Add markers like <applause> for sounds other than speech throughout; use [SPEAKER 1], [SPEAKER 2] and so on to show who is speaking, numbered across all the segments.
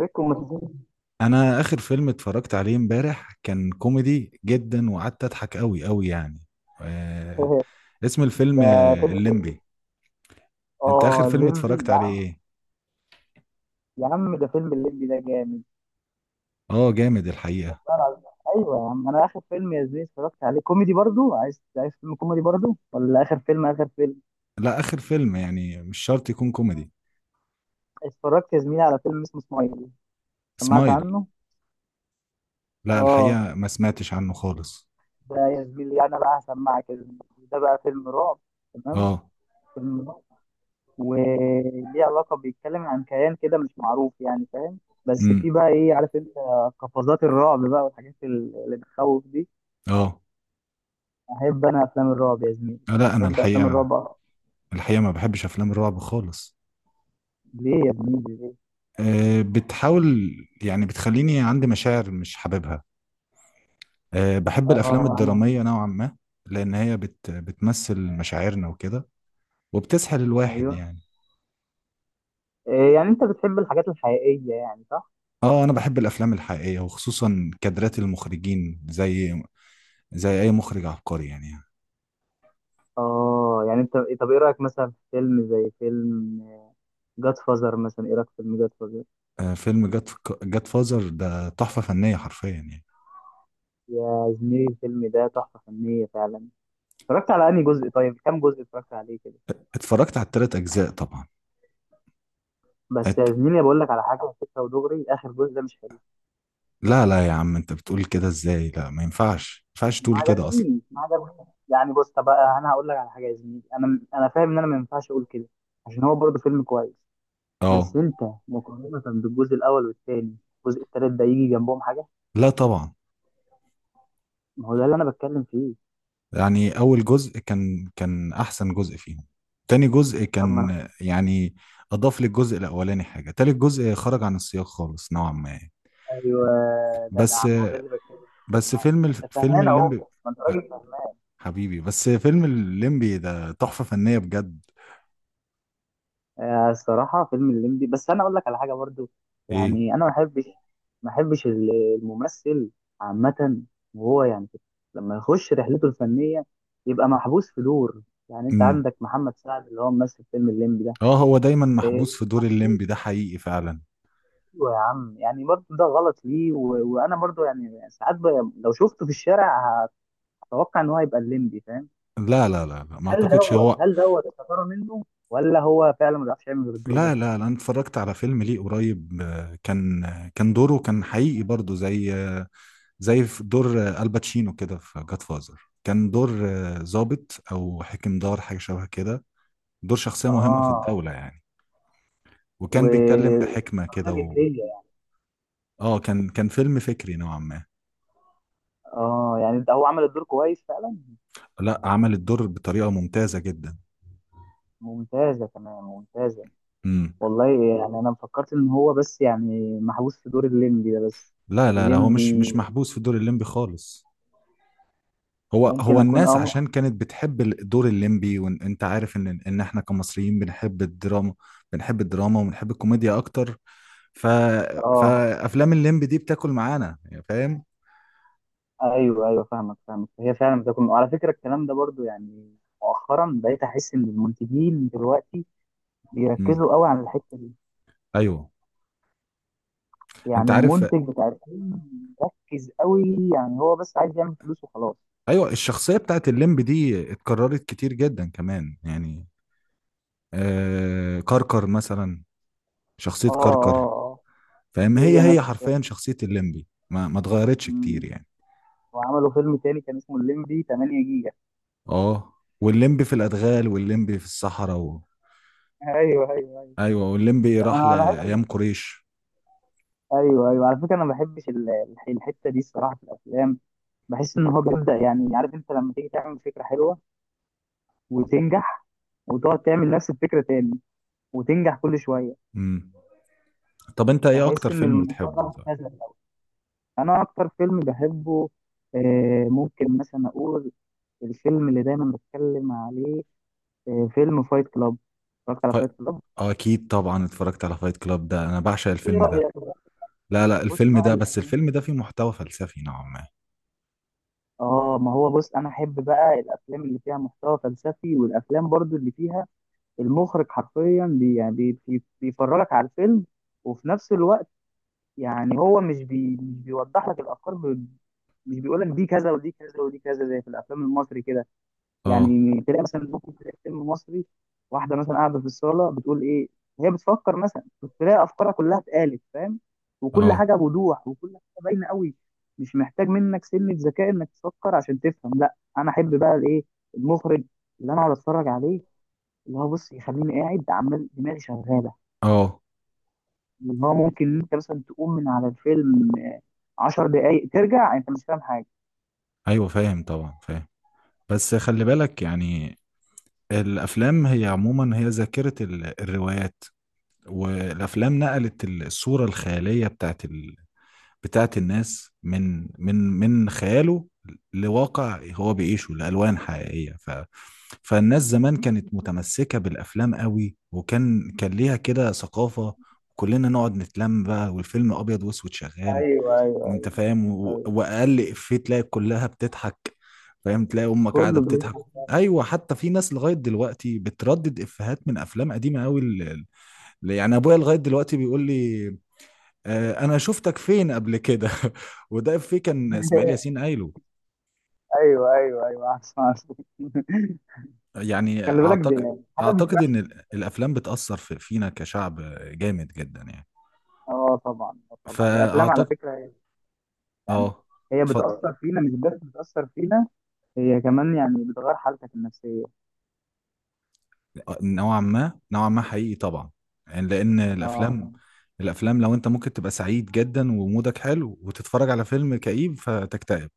[SPEAKER 1] ريكو ما تزهقش.
[SPEAKER 2] انا اخر فيلم اتفرجت عليه امبارح كان كوميدي جدا، وقعدت اضحك قوي قوي يعني. آه.
[SPEAKER 1] <laughs>
[SPEAKER 2] اسم الفيلم
[SPEAKER 1] ده فيلم إيه؟
[SPEAKER 2] الليمبي. انت اخر
[SPEAKER 1] اه
[SPEAKER 2] فيلم
[SPEAKER 1] الليمبي
[SPEAKER 2] اتفرجت
[SPEAKER 1] يا
[SPEAKER 2] عليه
[SPEAKER 1] عم.
[SPEAKER 2] ايه؟
[SPEAKER 1] يا عم ده فيلم الليمبي ده جامد
[SPEAKER 2] اه جامد الحقيقة.
[SPEAKER 1] والله العظيم. ايوه يا عم، انا اخر فيلم يا زميلي اتفرجت عليه كوميدي برضو. عايز فيلم كوميدي برضو، ولا اخر فيلم
[SPEAKER 2] لا، اخر فيلم يعني مش شرط يكون كوميدي.
[SPEAKER 1] اتفرجت يا زميلي على فيلم اسمه سمايل. سمعت
[SPEAKER 2] سمايل.
[SPEAKER 1] عنه؟
[SPEAKER 2] لا،
[SPEAKER 1] اه،
[SPEAKER 2] الحقيقة ما سمعتش عنه خالص.
[SPEAKER 1] ده يا زميلي انا بقى هسمعك يا زميلي. ده بقى فيلم رعب، تمام؟
[SPEAKER 2] اه.
[SPEAKER 1] فيلم رعب وليه علاقه، بيتكلم عن كيان كده مش معروف، يعني فاهم؟ بس
[SPEAKER 2] امم.
[SPEAKER 1] في بقى ايه، عارف انت؟ قفزات الرعب بقى والحاجات اللي بتخوف دي.
[SPEAKER 2] اه.
[SPEAKER 1] احب انا افلام الرعب يا زميلي،
[SPEAKER 2] لا انا
[SPEAKER 1] احب افلام
[SPEAKER 2] الحقيقة،
[SPEAKER 1] الرعب.
[SPEAKER 2] الحقيقة ما بحبش افلام الرعب خالص.
[SPEAKER 1] ليه يا زميلي ليه؟
[SPEAKER 2] آه، بتحاول. يعني بتخليني عندي مشاعر مش حاببها. أه، بحب الأفلام
[SPEAKER 1] اه،
[SPEAKER 2] الدرامية نوعا ما. لأن هي بتمثل مشاعرنا وكده، وبتسحل الواحد
[SPEAKER 1] ايوه.
[SPEAKER 2] يعني.
[SPEAKER 1] إيه، يعني انت بتحب الحاجات الحقيقيه يعني، صح؟
[SPEAKER 2] اه، أنا بحب الأفلام الحقيقية، وخصوصا كادرات المخرجين زي أي مخرج عبقري يعني.
[SPEAKER 1] اه يعني انت، طب ايه رايك مثلا في فيلم زي فيلم جاد فازر مثلا؟ ايه رايك في فيلم جاد فازر؟
[SPEAKER 2] أه، فيلم جاد فازر ده تحفة فنية حرفيا يعني.
[SPEAKER 1] يا زميلي الفيلم ده تحفه فنيه فعلا. اتفرجت على انهي جزء؟ طيب كام جزء اتفرجت عليه كده؟
[SPEAKER 2] اتفرجت على التلات أجزاء طبعا.
[SPEAKER 1] بس
[SPEAKER 2] ات...
[SPEAKER 1] يا زميلي بقول لك على حاجه، فكره ودغري اخر جزء ده مش حلو.
[SPEAKER 2] لا لا يا عم، أنت بتقول كده إزاي؟ لا، ما ينفعش ما ينفعش
[SPEAKER 1] ما
[SPEAKER 2] تقول كده أصلا.
[SPEAKER 1] عجبنيش ما عجبنيش يعني. بص، طب انا هقول لك على حاجه يا زميلي، انا فاهم ان انا ما ينفعش اقول كده عشان هو برضه فيلم كويس.
[SPEAKER 2] اه،
[SPEAKER 1] بس انت، مقارنه بالجزء الاول والثاني، الجزء الثالث ده يجي جنبهم حاجه.
[SPEAKER 2] لا طبعا.
[SPEAKER 1] ما هو ده اللي انا بتكلم فيه.
[SPEAKER 2] يعني أول جزء كان أحسن جزء فيهم. تاني جزء
[SPEAKER 1] طب ما
[SPEAKER 2] كان.
[SPEAKER 1] انا-
[SPEAKER 2] يعني أضاف للجزء الأولاني حاجة. تالت جزء خرج عن السياق خالص نوعا ما يعني.
[SPEAKER 1] ايوه
[SPEAKER 2] بس
[SPEAKER 1] جدع، ما هو ده اللي بتكلم فيه.
[SPEAKER 2] بس
[SPEAKER 1] انت
[SPEAKER 2] فيلم
[SPEAKER 1] فاهمان اهو،
[SPEAKER 2] الليمبي.
[SPEAKER 1] ما انت
[SPEAKER 2] أه،
[SPEAKER 1] راجل فاهمان.
[SPEAKER 2] حبيبي، بس فيلم الليمبي ده تحفة فنية بجد.
[SPEAKER 1] آه، الصراحة فيلم الليمبي، بس أنا أقول لك على حاجة برضو.
[SPEAKER 2] إيه؟
[SPEAKER 1] يعني أنا ما بحبش الممثل عامة، وهو يعني لما يخش رحلته الفنية يبقى محبوس في دور. يعني أنت
[SPEAKER 2] امم.
[SPEAKER 1] عندك محمد سعد اللي هو ممثل فيلم الليمبي ده.
[SPEAKER 2] اه، هو دايما
[SPEAKER 1] إيه،
[SPEAKER 2] محبوس في دور
[SPEAKER 1] أيوة
[SPEAKER 2] الليمبي ده، حقيقي فعلا.
[SPEAKER 1] يا عم، يعني برضو ده غلط ليه؟ وأنا برضو يعني ساعات لو شفته في الشارع هتوقع إن هو هيبقى الليمبي، فاهم؟
[SPEAKER 2] لا لا لا لا، ما
[SPEAKER 1] هل
[SPEAKER 2] أعتقدش
[SPEAKER 1] دوت
[SPEAKER 2] هو.
[SPEAKER 1] هل دوت استثارة منه، ولا هو فعلا ما بيعرفش يعمل غير الدور
[SPEAKER 2] لا
[SPEAKER 1] ده؟
[SPEAKER 2] لا لا، أنا اتفرجت على فيلم ليه قريب، كان دوره كان حقيقي برضه، زي في دور الباتشينو كده في جاد فازر. كان دور ضابط او حاكم دار، حاجه شبه كده. دور شخصيه مهمه في
[SPEAKER 1] آه.
[SPEAKER 2] الدوله يعني.
[SPEAKER 1] و،
[SPEAKER 2] وكان بيتكلم بحكمه كده اه، كان فيلم فكري نوعا ما.
[SPEAKER 1] اه يعني ده هو عمل الدور كويس فعلا.
[SPEAKER 2] لا، عمل الدور بطريقه ممتازه جدا.
[SPEAKER 1] ممتازة كمان ممتازة،
[SPEAKER 2] امم.
[SPEAKER 1] والله. يعني انا فكرت ان هو بس يعني محبوس في دور الليمبي ده بس.
[SPEAKER 2] لا لا لا، هو مش
[SPEAKER 1] الليمبي.
[SPEAKER 2] مش محبوس في دور الليمبي خالص. هو
[SPEAKER 1] ممكن اكون،
[SPEAKER 2] الناس
[SPEAKER 1] اه
[SPEAKER 2] عشان
[SPEAKER 1] ممكن.
[SPEAKER 2] كانت بتحب دور الليمبي، وانت عارف ان احنا كمصريين بنحب الدراما. بنحب الدراما وبنحب الكوميديا اكتر. ف...
[SPEAKER 1] اه،
[SPEAKER 2] فافلام الليمبي دي بتاكل معانا يعني، فاهم.
[SPEAKER 1] ايوه، فاهمك. هي فعلا بتكون، وعلى فكرة الكلام ده برضو، يعني مؤخرا بقيت احس ان المنتجين دلوقتي
[SPEAKER 2] امم.
[SPEAKER 1] بيركزوا قوي على الحتة دي.
[SPEAKER 2] ايوه. انت
[SPEAKER 1] يعني
[SPEAKER 2] عارف.
[SPEAKER 1] المنتج بتاع الفيلم مركز قوي، يعني هو بس عايز يعمل فلوس وخلاص.
[SPEAKER 2] ايوه، الشخصيه بتاعت الليمبي دي اتكررت كتير جدا كمان يعني. كركر مثلا. شخصيه
[SPEAKER 1] اه
[SPEAKER 2] كركر.
[SPEAKER 1] اه
[SPEAKER 2] فاهم،
[SPEAKER 1] اه. هي
[SPEAKER 2] هي
[SPEAKER 1] نفس
[SPEAKER 2] حرفيا شخصيه الليمبي ما اتغيرتش كتير
[SPEAKER 1] الشخص،
[SPEAKER 2] يعني.
[SPEAKER 1] وعملوا فيلم تاني كان اسمه الليمبي 8 جيجا.
[SPEAKER 2] اه، والليمبي في الادغال والليمبي في الصحراء
[SPEAKER 1] ايوه ايوه ايوه،
[SPEAKER 2] ايوه، والليمبي راح
[SPEAKER 1] انا بحس.
[SPEAKER 2] لايام قريش.
[SPEAKER 1] ايوه ايوه، على فكره انا ما بحبش الحته دي الصراحه في الافلام. بحس ان هو بيبدا يعني، عارف انت لما تيجي تعمل فكره حلوه وتنجح، وتقعد تعمل نفس الفكره تاني وتنجح كل شويه.
[SPEAKER 2] امم. طب انت ايه اكتر
[SPEAKER 1] بحس ان
[SPEAKER 2] فيلم
[SPEAKER 1] الموضوع ده
[SPEAKER 2] بتحبه؟ طيب.
[SPEAKER 1] مبتذل. انا اكتر فيلم بحبه، آه، ممكن مثلا اقول الفيلم اللي دايما بتكلم عليه، آه، فيلم فايت كلاب. اتفرجت على
[SPEAKER 2] ف...
[SPEAKER 1] فايت كلاب؟
[SPEAKER 2] اكيد طبعا اتفرجت على فايت كلاب. ده انا بعشق
[SPEAKER 1] ايه
[SPEAKER 2] الفيلم ده.
[SPEAKER 1] رايك؟
[SPEAKER 2] لا لا،
[SPEAKER 1] بص،
[SPEAKER 2] الفيلم
[SPEAKER 1] نوع
[SPEAKER 2] ده بس الفيلم ده
[SPEAKER 1] الافلام.
[SPEAKER 2] فيه محتوى فلسفي نوعا ما.
[SPEAKER 1] اه، ما هو بص، انا احب بقى الافلام اللي فيها محتوى فلسفي، والافلام برضو اللي فيها المخرج حرفيا بي يعني بي بي بيفرجك على الفيلم، وفي نفس الوقت يعني هو مش بيوضح لك الافكار، مش بيقول لك دي كذا ودي كذا ودي كذا، زي في الافلام المصري كده.
[SPEAKER 2] اه
[SPEAKER 1] يعني تلاقي مثلا، ممكن تلاقي فيلم مصري، واحده مثلا قاعده في الصاله بتقول ايه هي بتفكر مثلا، بتلاقي افكارها كلها اتقالت، فاهم؟ وكل
[SPEAKER 2] اه
[SPEAKER 1] حاجه بوضوح وكل حاجه باينه قوي، مش محتاج منك سنه ذكاء انك تفكر عشان تفهم. لا، انا احب بقى الايه، المخرج، اللي انا اقعد اتفرج عليه، اللي هو، بص، يخليني قاعد عمال دماغي شغاله،
[SPEAKER 2] اه.
[SPEAKER 1] اللي هو ممكن انت مثلا تقوم من على الفيلم عشر دقايق ترجع انت مش فاهم حاجه.
[SPEAKER 2] ايوه فاهم طبعا، فاهم. بس خلي بالك يعني. الافلام هي عموما هي ذاكرة الروايات. والافلام نقلت الصورة الخيالية بتاعت بتاعت الناس من من خياله، لواقع هو بيعيشه، لألوان حقيقية. فالناس زمان كانت متمسكة بالأفلام قوي، وكان ليها كده ثقافة. كلنا نقعد نتلم بقى والفيلم أبيض وأسود شغال.
[SPEAKER 1] ايوه ايوه،
[SPEAKER 2] أنت فاهم، و- وأقل إفيه تلاقي كلها بتضحك. فاهم، تلاقي أمك قاعدة
[SPEAKER 1] كله
[SPEAKER 2] بتضحك.
[SPEAKER 1] بيفتح.
[SPEAKER 2] أيوة، حتى في ناس لغاية دلوقتي بتردد إفيهات من أفلام قديمة قوي. يعني أبويا لغاية دلوقتي بيقول لي: آه، انا شفتك فين قبل كده. <laughs> وده في كان اسماعيل ياسين قايله.
[SPEAKER 1] ايوه ايوه ايوه، عارف عارف. <laughs>
[SPEAKER 2] يعني
[SPEAKER 1] خلي بالك، دي
[SPEAKER 2] اعتقد
[SPEAKER 1] حاجه
[SPEAKER 2] اعتقد
[SPEAKER 1] بتبقى.
[SPEAKER 2] ان الافلام بتاثر في فينا كشعب، جامد جدا يعني.
[SPEAKER 1] اه طبعا، اه طبعا الافلام على
[SPEAKER 2] فاعتقد.
[SPEAKER 1] فكره يعني
[SPEAKER 2] اه،
[SPEAKER 1] هي
[SPEAKER 2] اتفضل.
[SPEAKER 1] بتاثر فينا، مش بس بتاثر فينا، هي كمان يعني بتغير حالتك النفسيه.
[SPEAKER 2] نوعا ما، نوعا ما، حقيقي طبعا. يعني لان
[SPEAKER 1] اه،
[SPEAKER 2] الافلام لو انت ممكن تبقى سعيد جدا ومودك حلو وتتفرج على فيلم كئيب فتكتئب،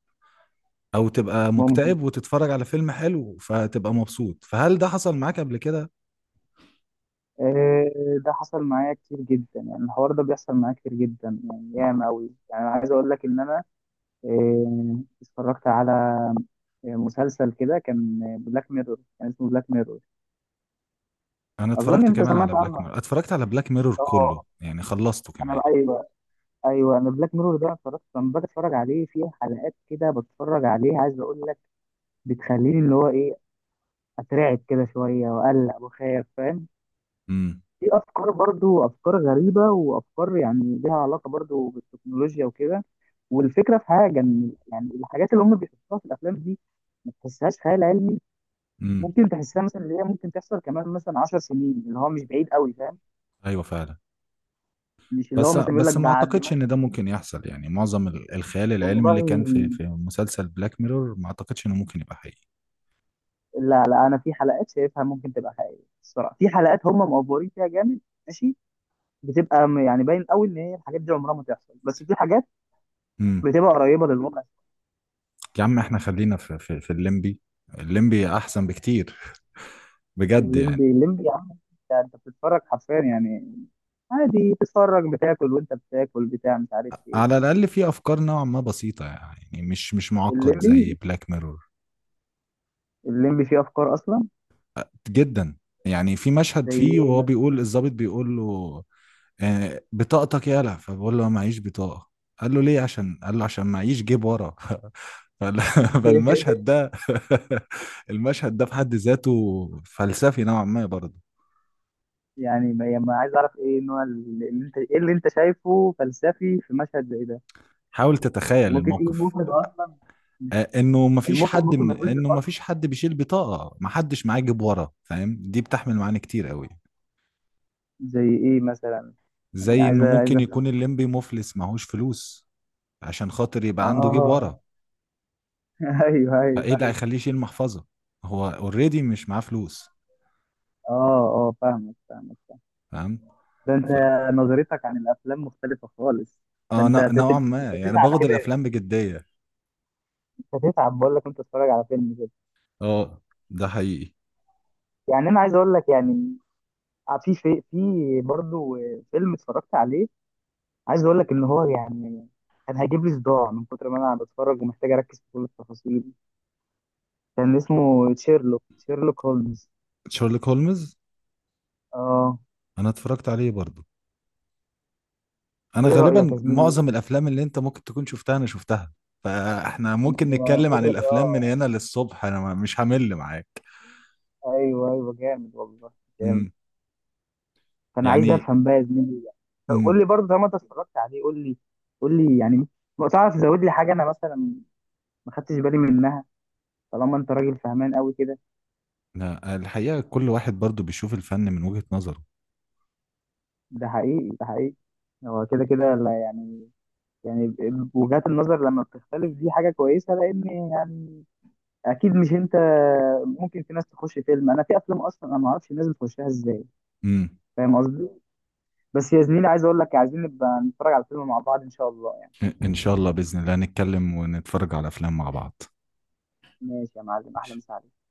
[SPEAKER 2] او تبقى
[SPEAKER 1] ممكن.
[SPEAKER 2] مكتئب وتتفرج على فيلم حلو فتبقى مبسوط. فهل ده حصل معاك قبل كده؟
[SPEAKER 1] آه، ده حصل معايا كتير جدا، يعني الحوار ده بيحصل معايا كتير جدا يعني، ياما قوي. يعني انا عايز اقول لك ان انا، آه، اتفرجت على مسلسل كده كان بلاك ميرور، كان اسمه بلاك ميرور.
[SPEAKER 2] انا
[SPEAKER 1] اظن
[SPEAKER 2] اتفرجت
[SPEAKER 1] انت
[SPEAKER 2] كمان على
[SPEAKER 1] سمعت
[SPEAKER 2] بلاك
[SPEAKER 1] عنه.
[SPEAKER 2] ميرور. اتفرجت على بلاك ميرور كله،
[SPEAKER 1] اه.
[SPEAKER 2] يعني خلصته
[SPEAKER 1] انا
[SPEAKER 2] كمان.
[SPEAKER 1] بقى، ايوه انا بلاك ميرور ده اتفرجت، لما باجي اتفرج عليه في حلقات كده بتفرج عليه، عايز اقول لك بتخليني اللي هو ايه، اترعب كده شويه واقلق وخايف، فاهم؟
[SPEAKER 2] امم.
[SPEAKER 1] في افكار برضو، افكار غريبه وافكار يعني ليها علاقه برضو بالتكنولوجيا وكده، والفكره في حاجه ان يعني الحاجات اللي هم بيحطوها في الافلام دي ما تحسهاش خيال علمي.
[SPEAKER 2] امم.
[SPEAKER 1] ممكن تحسها مثلا اللي هي ممكن تحصل كمان مثلا 10 سنين، اللي هو مش بعيد قوي، فاهم؟
[SPEAKER 2] ايوه فعلا.
[SPEAKER 1] مش اللي هو
[SPEAKER 2] بس
[SPEAKER 1] مثلا يقول لك
[SPEAKER 2] بس ما
[SPEAKER 1] بعد
[SPEAKER 2] اعتقدش ان ده
[SPEAKER 1] مثلا.
[SPEAKER 2] ممكن يحصل. يعني معظم الخيال العلمي
[SPEAKER 1] والله،
[SPEAKER 2] اللي كان في مسلسل بلاك ميرور ما اعتقدش انه ممكن يبقى حقيقي.
[SPEAKER 1] لا لا، انا في حلقات شايفها ممكن تبقى حقيقيه الصراحه، في حلقات هم مأفورين فيها جامد. ماشي. بتبقى يعني باين قوي ان هي الحاجات دي عمرها ما تحصل، بس في حاجات
[SPEAKER 2] امم.
[SPEAKER 1] بتبقى قريبه للواقع.
[SPEAKER 2] يا عم احنا خلينا في في الليمبي. الليمبي احسن بكتير، بجد يعني.
[SPEAKER 1] الليمبي، الليمبي يا عم. انت بتتفرج حرفيا يعني، عادي بتتفرج، بتاكل وانت بتاكل بتاع مش عارف ايه.
[SPEAKER 2] على الاقل في افكار نوعا ما بسيطة يعني، مش معقد زي
[SPEAKER 1] الليمبي،
[SPEAKER 2] بلاك ميرور.
[SPEAKER 1] الليمبي فيه افكار اصلا.
[SPEAKER 2] جدا يعني. في مشهد
[SPEAKER 1] زي
[SPEAKER 2] فيه وهو
[SPEAKER 1] ايه؟
[SPEAKER 2] بيقول، الضابط بيقول له: بطاقتك يالا، فبقول له معيش بطاقة. قال له ليه؟ عشان قال له عشان معيش جيب ورا. <laughs> فال- فالمشهد
[SPEAKER 1] <laughs>
[SPEAKER 2] ده، <laughs> المشهد ده في حد ذاته فلسفي نوعا ما برضه.
[SPEAKER 1] يعني ما ما عايز اعرف ايه نوع اللي انت، ايه اللي انت شايفه فلسفي في مشهد زي ده؟
[SPEAKER 2] حاول
[SPEAKER 1] يعني
[SPEAKER 2] تتخيل
[SPEAKER 1] ممكن يكون
[SPEAKER 2] الموقف.
[SPEAKER 1] المخرج اصلا مش، المخرج ممكن ما يكونش
[SPEAKER 2] انه مفيش
[SPEAKER 1] قصده.
[SPEAKER 2] حد بيشيل بطاقة، محدش معاه جيب ورا، فاهم. دي بتحمل معانا كتير قوي.
[SPEAKER 1] زي ايه مثلا؟ يعني
[SPEAKER 2] زي
[SPEAKER 1] عايز
[SPEAKER 2] انه
[SPEAKER 1] عايز
[SPEAKER 2] ممكن
[SPEAKER 1] افهم.
[SPEAKER 2] يكون الليمبي مفلس معهوش فلوس، عشان خاطر يبقى عنده جيب ورا.
[SPEAKER 1] اه. <laughs> ايوه
[SPEAKER 2] فايه
[SPEAKER 1] ايوه
[SPEAKER 2] اللي
[SPEAKER 1] ايوه.
[SPEAKER 2] هيخليه يشيل محفظة، هو اوريدي مش معاه فلوس؟
[SPEAKER 1] اه اه، فاهمك.
[SPEAKER 2] فاهم.
[SPEAKER 1] ده انت
[SPEAKER 2] ف...
[SPEAKER 1] نظرتك عن الافلام مختلفه خالص. ده
[SPEAKER 2] اه،
[SPEAKER 1] انت هتت-
[SPEAKER 2] نوعا
[SPEAKER 1] انت
[SPEAKER 2] ما يعني
[SPEAKER 1] هتتعب
[SPEAKER 2] باخد
[SPEAKER 1] كده.
[SPEAKER 2] الافلام بجديه.
[SPEAKER 1] انت هتتعب، بقول لك انت تتفرج على فيلم كده
[SPEAKER 2] اه، ده حقيقي.
[SPEAKER 1] يعني. انا عايز اقول لك يعني، آه، في برضه فيلم اتفرجت عليه، عايز اقول لك ان هو يعني كان هيجيب لي صداع من كتر ما انا بتفرج ومحتاج اركز في كل التفاصيل. كان اسمه شيرلوك، شيرلوك هولمز.
[SPEAKER 2] شارلوك هولمز.
[SPEAKER 1] اه،
[SPEAKER 2] انا اتفرجت عليه برضو. انا
[SPEAKER 1] ايه رايك
[SPEAKER 2] غالبا
[SPEAKER 1] يا زميلي؟
[SPEAKER 2] معظم الافلام اللي انت ممكن تكون شفتها انا شفتها. فاحنا
[SPEAKER 1] انت
[SPEAKER 2] ممكن نتكلم عن
[SPEAKER 1] شكلك
[SPEAKER 2] الافلام من
[SPEAKER 1] اه،
[SPEAKER 2] هنا للصبح. انا مش همل معاك.
[SPEAKER 1] ايوه ايوه، جامد والله جامد.
[SPEAKER 2] امم.
[SPEAKER 1] فانا عايز
[SPEAKER 2] يعني.
[SPEAKER 1] افهم بقى يا زميلي، قول
[SPEAKER 2] امم.
[SPEAKER 1] لي برضه، طالما انت اتفرجت عليه قول لي. قول لي يعني لو تعرف تزود لي حاجه انا مثلا ما خدتش بالي منها، طالما انت راجل فهمان قوي كده.
[SPEAKER 2] لا، الحقيقه كل واحد برضو بيشوف الفن من وجهة نظره.
[SPEAKER 1] ده حقيقي ده حقيقي. هو كده كده، لا يعني، يعني وجهات النظر لما بتختلف دي حاجه كويسه لان يعني، اكيد مش انت. ممكن في ناس تخش فيلم، انا في افلام اصلا انا ما اعرفش الناس بتخشها ازاي،
[SPEAKER 2] امم.
[SPEAKER 1] فاهم قصدي؟ بس يا زميلي عايز اقول لك، عايزين نبقى نتفرج على الفيلم مع بعض ان شاء الله يعني.
[SPEAKER 2] ان شاء الله، باذن الله نتكلم ونتفرج على افلام مع بعض.
[SPEAKER 1] ماشي يا معلم، احلى مسا عليك.